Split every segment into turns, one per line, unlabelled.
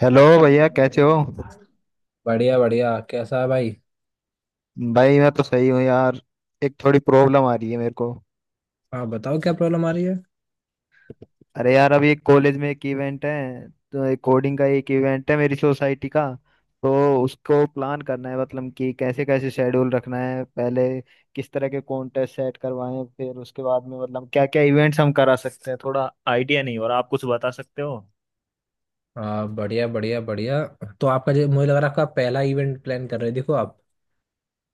Hello भैया कैसे हो।
बढ़िया बढ़िया। कैसा है भाई?
भाई मैं तो सही हूँ यार। एक थोड़ी प्रॉब्लम आ रही है मेरे को।
हाँ, बताओ क्या प्रॉब्लम आ रही है?
अरे यार अभी एक कॉलेज में एक इवेंट है, तो एक कोडिंग का एक इवेंट है मेरी सोसाइटी का। तो उसको प्लान करना है, मतलब कि कैसे कैसे शेड्यूल रखना है पहले, किस तरह के कॉन्टेस्ट सेट करवाएं, फिर उसके बाद में मतलब क्या क्या इवेंट्स हम करा सकते हैं। थोड़ा आइडिया नहीं हो रहा, आप कुछ बता सकते हो।
हाँ, बढ़िया बढ़िया बढ़िया। तो आपका जो मुझे लग रहा है आपका पहला इवेंट प्लान कर रहे हो देखो आप।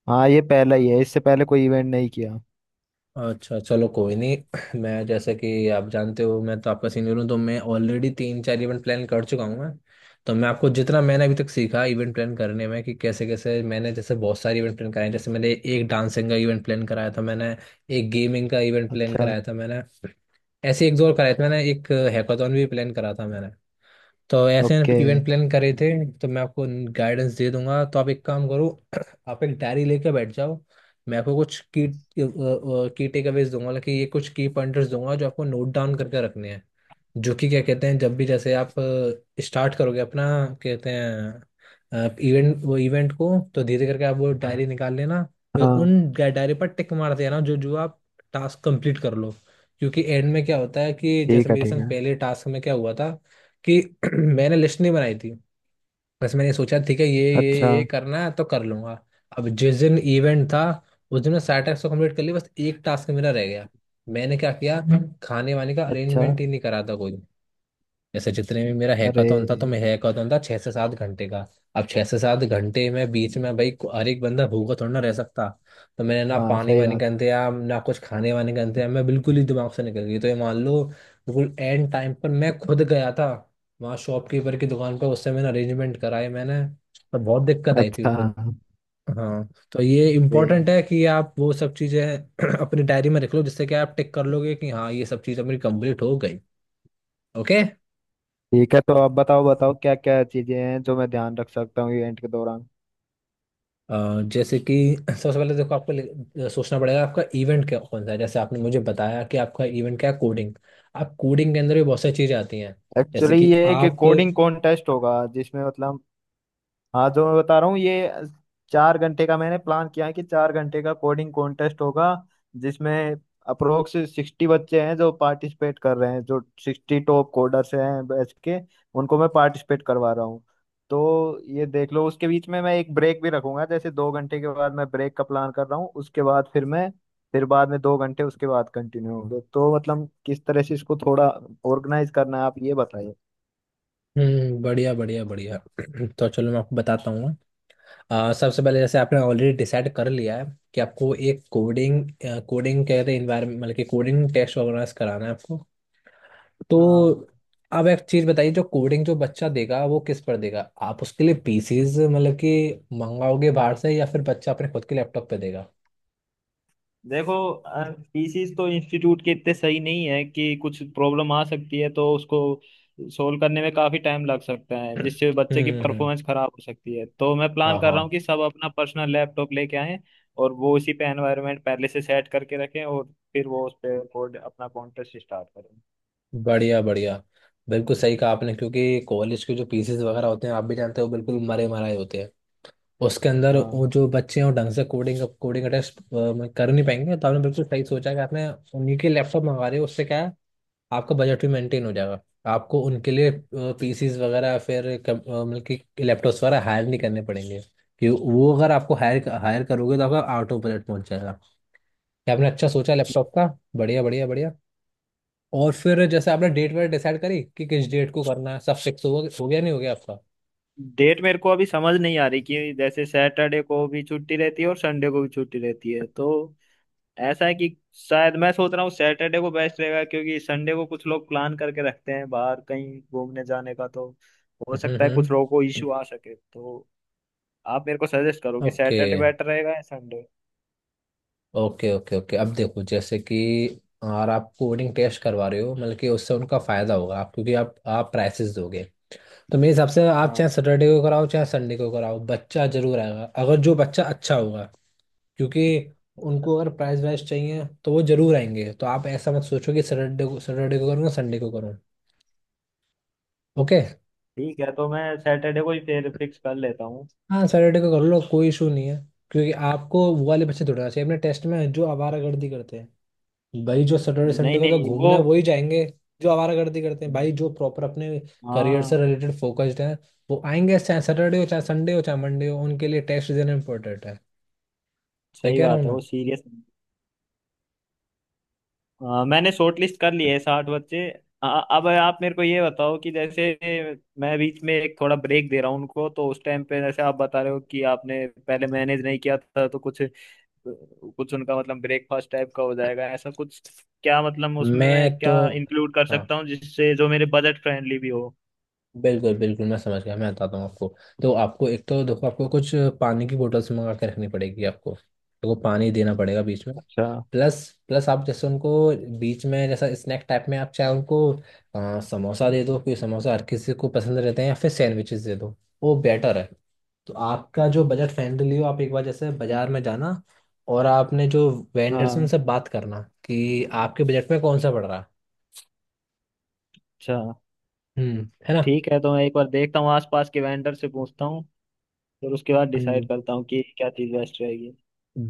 हाँ, ये पहला ही है, इससे पहले कोई इवेंट नहीं किया।
अच्छा चलो कोई नहीं, मैं जैसे कि आप जानते हो मैं तो आपका सीनियर हूँ, तो मैं ऑलरेडी तीन चार इवेंट प्लान कर चुका हूँ मैं। तो मैं आपको जितना मैंने अभी तक सीखा इवेंट प्लान करने में कि कैसे कैसे मैंने जैसे बहुत सारे इवेंट प्लान कराए हैं। जैसे मैंने एक डांसिंग का इवेंट प्लान कराया था मैंने। एक गेमिंग का इवेंट प्लान
अच्छा।
कराया था मैंने। ऐसे एक दो और कराए थे मैंने, एक हैकाथॉन भी प्लान करा था मैंने। तो ऐसे
ओके।
इवेंट प्लान करे थे। तो मैं आपको गाइडेंस दे दूंगा, तो आप एक काम करो। आप एक डायरी लेके बैठ जाओ। मैं आपको कुछ की टेकअवेज दूंगा, मतलब कि ये कुछ की पॉइंटर्स दूंगा जो आपको नोट डाउन करके रखने हैं, जो कि क्या कहते हैं जब भी जैसे आप स्टार्ट करोगे अपना, कहते हैं इवेंट, वो इवेंट को तो धीरे करके आप वो डायरी निकाल लेना। फिर
हाँ।
उन डायरी पर टिक मार देना जो जो आप टास्क कंप्लीट कर लो। क्योंकि एंड में क्या होता है कि जैसे
ठीक है,
मेरे
ठीक
संग
है।
पहले टास्क में क्या हुआ था कि मैंने लिस्ट नहीं बनाई थी। बस मैंने सोचा ठीक है ये
अच्छा।
ये ये करना है तो कर लूंगा। अब जिस दिन इवेंट था उस दिन मैं सारे टास्क तो कंप्लीट कर लिए, बस एक टास्क मेरा रह गया। मैंने क्या किया, खाने वाने का
अच्छा।
अरेंजमेंट ही नहीं करा था कोई। जैसे जितने भी मेरा
अरे।
हैकाथॉन था, तो मैं हैकाथॉन था 6 से 7 घंटे का। अब 6 से 7 घंटे में बीच में भाई हर एक बंदा भूखा थोड़ा ना रह सकता। तो मैंने ना
हाँ
पानी
सही
वानी का
बात है।
इंतजाम ना कुछ खाने वाने का इंतजाम, मैं बिल्कुल ही दिमाग से निकल गई। तो ये मान लो बिल्कुल एंड टाइम पर मैं खुद गया था वहाँ शॉपकीपर की दुकान पर, उससे मैंने अरेंजमेंट कराए मैंने। तो बहुत दिक्कत आई थी उस
अच्छा।
दिन। हाँ, तो ये
अरे।
इम्पोर्टेंट है कि आप वो सब चीज़ें अपनी डायरी में रख लो, जिससे कि आप टिक कर लोगे कि हाँ ये सब चीज़ मेरी कंप्लीट हो गई। ओके।
ठीक है, तो अब बताओ बताओ क्या क्या चीजें हैं जो मैं ध्यान रख सकता हूँ इवेंट के दौरान।
जैसे कि सबसे पहले देखो आपको सोचना पड़ेगा आपका इवेंट क्या कौन सा है। जैसे आपने मुझे बताया कि आपका इवेंट क्या है, कोडिंग। आप कोडिंग के अंदर भी बहुत सारी चीज़ें आती हैं। जैसे
एक्चुअली
कि
ये एक
आप,
कोडिंग कॉन्टेस्ट होगा जिसमें मतलब, हाँ जो मैं बता रहा हूँ ये, 4 घंटे का मैंने प्लान किया है कि 4 घंटे का कोडिंग कॉन्टेस्ट होगा जिसमें अप्रोक्स 60 बच्चे हैं जो पार्टिसिपेट कर रहे हैं, जो 60 टॉप कोडर्स हैं बैच के, उनको मैं पार्टिसिपेट करवा रहा हूँ। तो ये देख लो, उसके बीच में मैं एक ब्रेक भी रखूंगा। जैसे 2 घंटे के बाद मैं ब्रेक का प्लान कर रहा हूँ, उसके बाद फिर मैं, फिर बाद में 2 घंटे उसके बाद कंटिन्यू होंगे। तो मतलब किस तरह से इसको थोड़ा ऑर्गेनाइज करना है, आप ये बताइए।
बढ़िया बढ़िया बढ़िया। तो चलो मैं आपको बताता हूँ। सबसे पहले जैसे आपने ऑलरेडी डिसाइड कर लिया है कि आपको एक कोडिंग कोडिंग कहते हैं इन्वायरमेंट, मतलब कि कोडिंग टेस्ट ऑर्गेनाइज कराना है आपको।
हाँ,
तो अब एक चीज बताइए, जो कोडिंग जो बच्चा देगा वो किस पर देगा? आप उसके लिए पीसीज मतलब कि मंगाओगे बाहर से, या फिर बच्चा अपने खुद के लैपटॉप पे देगा?
देखो, पीसीस तो इंस्टीट्यूट के इतने सही नहीं है कि कुछ प्रॉब्लम आ सकती है, तो उसको सोल्व करने में काफी टाइम लग सकता है
हम्म
जिससे बच्चे की
हम्म,
परफॉर्मेंस खराब हो सकती है। तो मैं
हाँ
प्लान कर रहा हूँ
हाँ,
कि सब अपना पर्सनल लैपटॉप लेके आएं, और वो उसी पे एनवायरनमेंट पहले से सेट करके रखें, और फिर वो उस पे कोड अपना कॉन्टेस्ट स्टार्ट करें।
बढ़िया बढ़िया। बिल्कुल सही कहा आपने, क्योंकि कॉलेज के जो पीसीज वगैरह होते हैं आप भी जानते हो बिल्कुल मरे मराए होते हैं। उसके अंदर
हाँ
वो जो बच्चे हैं वो ढंग से कोडिंग कोडिंग का टेस्ट कर नहीं पाएंगे। तो आपने बिल्कुल सही सोचा कि आपने उन्हीं के लैपटॉप मंगा रहे हो। उससे क्या है, आपका बजट भी मेंटेन हो जाएगा। आपको उनके लिए पीसीज वगैरह फिर मतलब कि लैपटॉप्स वगैरह हायर नहीं करने पड़ेंगे। कि वो अगर आपको हायर
तो
हायर करोगे तो आपका आउट ऑफ बजट पहुंच जाएगा। क्या आपने अच्छा सोचा लैपटॉप का, बढ़िया बढ़िया बढ़िया। और फिर जैसे आपने डेट वेट डिसाइड करी कि किस डेट को करना है, सब फिक्स हो गया, नहीं हो गया आपका?
डेट मेरे को अभी समझ नहीं आ रही, कि जैसे सैटरडे को भी छुट्टी रहती है और संडे को भी छुट्टी रहती है। तो ऐसा है कि शायद मैं सोच रहा हूँ सैटरडे को बेस्ट रहेगा, क्योंकि संडे को कुछ लोग प्लान करके रखते हैं बाहर कहीं घूमने जाने का। तो हो सकता है
हम्म,
कुछ लोगों को
हम्म।
इश्यू आ सके। तो आप मेरे को सजेस्ट करो कि
ओके
सैटरडे बेटर रहेगा या संडे।
ओके ओके, ओके अब देखो जैसे कि, और आप कोडिंग टेस्ट करवा रहे हो मतलब कि उससे उनका फायदा होगा आप, क्योंकि आप प्राइसेस दोगे। तो मेरे हिसाब से आप
हाँ।
चाहे सैटरडे को कराओ चाहे संडे को कराओ, बच्चा जरूर आएगा अगर जो बच्चा अच्छा होगा। क्योंकि
अच्छा।
उनको अगर प्राइस वाइज चाहिए तो वो जरूर आएंगे। तो आप ऐसा मत सोचो कि सैटरडे को करूँगा संडे को करूँ। ओके,
ठीक है, तो मैं सैटरडे को ही फिर फिक्स कर लेता हूँ।
हाँ सैटरडे को कर लो, कोई इशू नहीं है। क्योंकि आपको वो वाले बच्चे ढूंढना चाहिए अपने टेस्ट में, जो आवारागर्दी करते हैं भाई जो सैटरडे
नहीं
संडे को तो
नहीं, वो,
घूमने वही जाएंगे। जो आवारागर्दी करते हैं भाई, जो प्रॉपर अपने करियर से
हाँ
रिलेटेड फोकस्ड हैं, वो आएंगे चाहे सैटरडे हो चाहे संडे हो चाहे मंडे हो, उनके लिए टेस्ट देना इंपॉर्टेंट है। मैं
सही
कह रहा हूँ
बात है,
ना,
वो सीरियस। हाँ, मैंने शॉर्ट लिस्ट कर लिए है 60 बच्चे। अ- अब आप मेरे को ये बताओ कि जैसे मैं बीच में एक थोड़ा ब्रेक दे रहा हूँ उनको, तो उस टाइम पे जैसे आप बता रहे हो कि आपने पहले मैनेज नहीं किया था, तो कुछ, कुछ उनका मतलब ब्रेकफास्ट टाइप का हो जाएगा ऐसा कुछ, क्या मतलब उसमें मैं
मैं तो,
क्या इंक्लूड कर
हाँ
सकता हूँ जिससे जो मेरे बजट फ्रेंडली भी हो।
बिल्कुल बिल्कुल, मैं समझ गया, मैं बताता हूँ आपको। तो आपको एक तो देखो आपको कुछ पानी की बोतल्स मंगा के रखनी पड़ेगी, आपको देखो पानी देना पड़ेगा बीच में।
अच्छा।
प्लस प्लस आप जैसे उनको बीच में जैसा स्नैक टाइप में आप चाहे उनको समोसा दे दो, क्योंकि समोसा हर किसी को पसंद रहते हैं, या फिर सैंडविचेस दे दो, वो बेटर है। तो आपका जो बजट फ्रेंडली हो आप एक बार जैसे बाजार में जाना, और आपने जो वेंडर्स
हाँ।
उनसे बात करना कि आपके बजट में कौन सा पड़ रहा है।
अच्छा।
है ना,
ठीक है, तो मैं एक बार देखता हूँ आसपास के वेंडर से पूछता हूँ, फिर उसके बाद
हम्म,
डिसाइड करता हूँ कि क्या चीज़ बेस्ट रहेगी।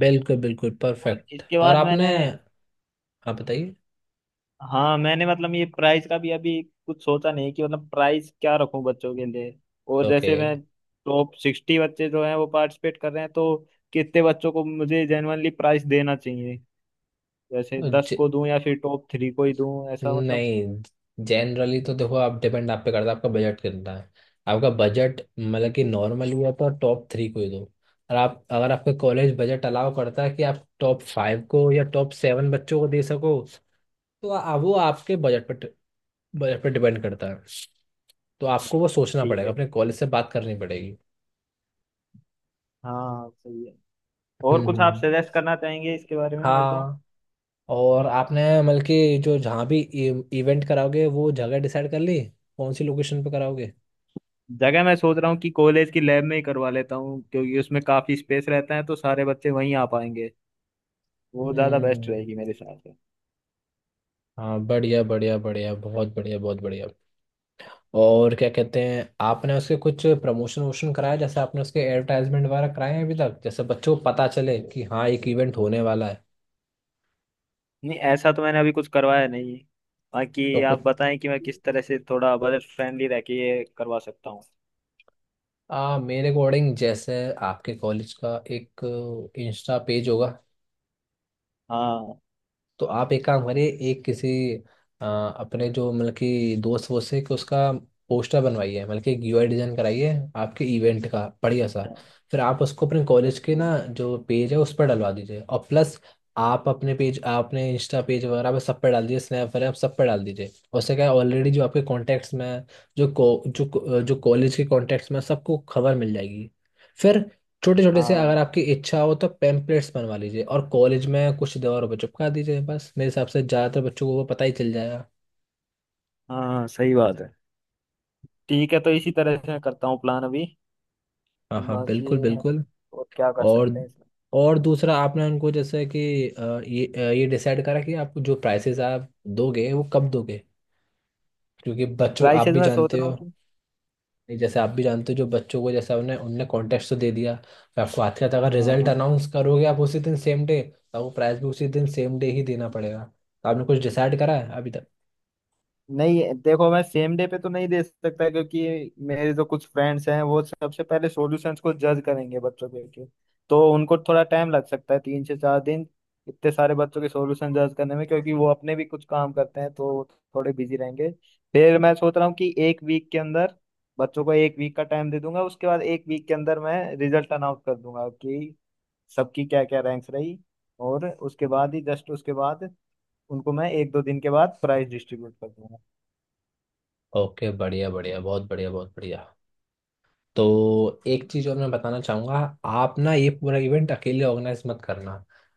बिल्कुल बिल्कुल
और
परफेक्ट।
इसके
और
बाद
आपने
मैंने,
आप बताइए।
हाँ मैंने मतलब ये प्राइस का भी अभी कुछ सोचा नहीं कि मतलब प्राइस क्या रखूं बच्चों के लिए। और
ओके,
जैसे मैं टॉप 60 बच्चे जो हैं वो पार्टिसिपेट कर रहे हैं, तो कितने बच्चों को मुझे जेनुअनली प्राइस देना चाहिए। जैसे 10
ज,
को दूं या फिर टॉप थ्री को ही दूं ऐसा मतलब।
नहीं, जनरली तो देखो आप डिपेंड आप पे करता है आपका बजट कितना है। आपका बजट मतलब कि नॉर्मल हुआ तो टॉप थ्री को ही दो। और आप अगर आपका कॉलेज बजट अलाउ करता है कि आप टॉप फाइव को या टॉप सेवन बच्चों को दे सको, तो वो आपके बजट पर डिपेंड करता है। तो आपको वो सोचना
ठीक
पड़ेगा,
है।
अपने कॉलेज से बात करनी पड़ेगी।
हाँ सही है। और
हम्म
कुछ
हम्म,
आप
हम्म।
सजेस्ट करना चाहेंगे इसके बारे में मेरे को।
हाँ, और आपने मतलब कि जो जहाँ भी इवेंट कराओगे वो जगह डिसाइड कर ली? कौन सी लोकेशन पे कराओगे?
जगह मैं सोच रहा हूँ कि कॉलेज की लैब में ही करवा लेता हूँ, क्योंकि उसमें काफी स्पेस रहता है तो सारे बच्चे वहीं आ पाएंगे। वो ज्यादा बेस्ट
हम्म,
रहेगी मेरे हिसाब से।
हाँ बढ़िया बढ़िया बढ़िया बहुत बढ़िया बहुत बढ़िया। और क्या कहते हैं आपने उसके कुछ प्रमोशन वोशन कराया? जैसे आपने उसके एडवर्टाइजमेंट वगैरह कराए हैं अभी तक जैसे बच्चों को पता चले कि हाँ एक इवेंट होने वाला है?
नहीं, ऐसा तो मैंने अभी कुछ करवाया नहीं है। बाकी
तो कुछ
आप बताएं कि मैं किस तरह से थोड़ा बजट फ्रेंडली रह के ये करवा सकता हूँ।
मेरे अकॉर्डिंग जैसे आपके कॉलेज का एक इंस्टा पेज होगा।
हाँ।
तो आप एक काम करिए, एक किसी अपने जो मतलब कि दोस्त वोस्त से कि उसका पोस्टर बनवाइए, मतलब कि एक यूआई डिजाइन कराइए आपके इवेंट का बढ़िया सा।
अच्छा।
फिर आप उसको अपने कॉलेज के
अच्छा।
ना जो पेज है उस पर डलवा दीजिए, और प्लस आप अपने पेज अपने इंस्टा पेज वगैरह पे सब पे डाल दीजिए, स्नैप वगैरह सब पे डाल दीजिए। उससे क्या है, ऑलरेडी जो आपके कॉन्टैक्ट्स में हैं, जो जो कॉलेज के कॉन्टैक्ट्स में हैं, सबको खबर मिल जाएगी। फिर छोटे छोटे से अगर
हाँ
आपकी इच्छा हो तो पैम्पलेट्स बनवा लीजिए, और कॉलेज में कुछ दीवारों पे चिपका दीजिए, बस मेरे हिसाब से ज़्यादातर बच्चों को वो पता ही चल जाएगा।
हाँ सही बात है। ठीक है तो इसी तरह से मैं करता हूँ प्लान अभी।
हाँ हाँ,
बाकी
बिल्कुल बिल्कुल।
और क्या कर
और
सकते हैं इसमें।
दूसरा आपने उनको जैसे कि ये डिसाइड करा कि आप जो प्राइसेस आप दोगे वो कब दोगे? क्योंकि बच्चों आप
प्राइसेस
भी
मैं सोच
जानते
रहा
हो,
हूँ कि,
नहीं, जैसे आप भी जानते हो जो बच्चों को जैसा उन्हें उनने कॉन्टेस्ट तो दे दिया, तो आपको आते आते अगर
हाँ
रिजल्ट
हाँ।
अनाउंस करोगे आप उसी दिन सेम डे, तो आपको प्राइस भी उसी दिन सेम डे ही देना पड़ेगा। तो आपने कुछ डिसाइड करा है अभी तक?
नहीं देखो, मैं सेम डे पे तो नहीं दे सकता क्योंकि मेरे जो कुछ फ्रेंड्स हैं वो सबसे पहले सॉल्यूशंस को जज करेंगे बच्चों के लेके, तो उनको थोड़ा टाइम लग सकता है, 3 से 4 दिन, इतने सारे बच्चों के सॉल्यूशन जज करने में, क्योंकि वो अपने भी कुछ काम करते हैं तो थोड़े बिजी रहेंगे। फिर मैं सोच रहा हूँ कि एक वीक के अंदर, बच्चों को एक वीक का टाइम दे दूंगा, उसके बाद एक वीक के अंदर मैं रिजल्ट अनाउंस कर दूंगा कि सबकी क्या क्या रैंक्स रही। और उसके बाद ही जस्ट, उसके बाद उनको मैं एक दो दिन के बाद प्राइज डिस्ट्रीब्यूट कर दूंगा।
ओके, बढ़िया बढ़िया बहुत बढ़िया बहुत बढ़िया। तो एक चीज और मैं बताना चाहूंगा। आप ना ये पूरा इवेंट अकेले ऑर्गेनाइज मत करना।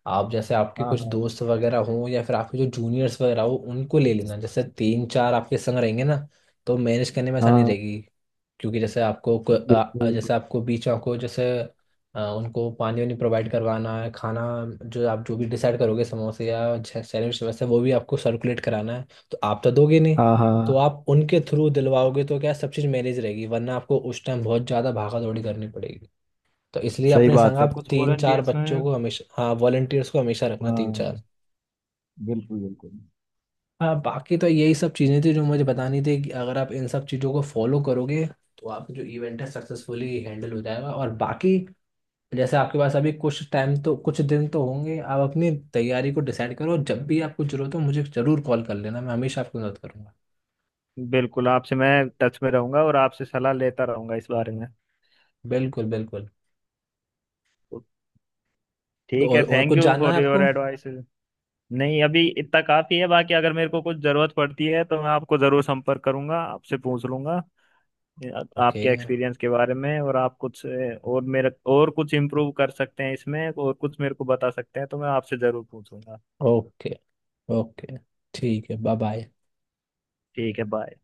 आप जैसे आपके
हाँ।
कुछ
हाँ
दोस्त वगैरह हों या फिर आपके जो जूनियर्स वगैरह हो उनको ले लेना, जैसे तीन चार आपके संग रहेंगे ना, तो मैनेज करने में आसानी
हाँ।
रहेगी। क्योंकि जैसे आपको
बिल्कुल
जैसे
बिल्कुल।
आपको बीच में आपको जैसे उनको पानी वानी प्रोवाइड करवाना है, खाना जो आप जो भी डिसाइड करोगे समोसे या सैंडविच वैसे, वो भी आपको सर्कुलेट कराना है। तो आप तो दोगे नहीं,
हाँ।
तो
हाँ
आप उनके थ्रू दिलवाओगे तो क्या सब चीज़ मैनेज रहेगी, वरना आपको उस टाइम बहुत ज़्यादा भागा दौड़ी करनी पड़ेगी। तो इसलिए
सही
अपने संग
बात है,
आप
कुछ
तीन चार
वॉलंटियर्स हैं।
बच्चों को हमेशा, हाँ वॉलंटियर्स को हमेशा रखना तीन
हाँ।
चार।
बिल्कुल बिल्कुल।
हाँ, बाकी तो यही सब चीज़ें थी जो मुझे बतानी थी कि अगर आप इन सब चीज़ों को फॉलो करोगे, तो आपका जो इवेंट है सक्सेसफुली हैंडल हो जाएगा। और बाकी जैसे आपके पास अभी कुछ टाइम तो कुछ दिन तो होंगे, आप अपनी तैयारी को डिसाइड करो। जब भी आपको जरूरत हो मुझे ज़रूर कॉल कर लेना, मैं हमेशा आपकी मदद करूंगा।
बिल्कुल आपसे मैं टच में रहूंगा और आपसे सलाह लेता रहूंगा इस बारे में।
बिल्कुल बिल्कुल।
तो
तो
ठीक
और,
है,
और
थैंक
कुछ
यू
जानना है
फॉर योर
आपको?
एडवाइस। नहीं अभी इतना काफी है, बाकी अगर मेरे को कुछ जरूरत पड़ती है तो मैं आपको जरूर संपर्क करूंगा, आपसे पूछ लूंगा।
ओके
आपके एक्सपीरियंस के बारे में और आप कुछ और मेरे, और कुछ इम्प्रूव कर सकते हैं इसमें और कुछ मेरे को बता सकते हैं, तो मैं आपसे जरूर पूछूंगा।
Okay okay. ठीक है, बाय बाय।
ठीक है बाय।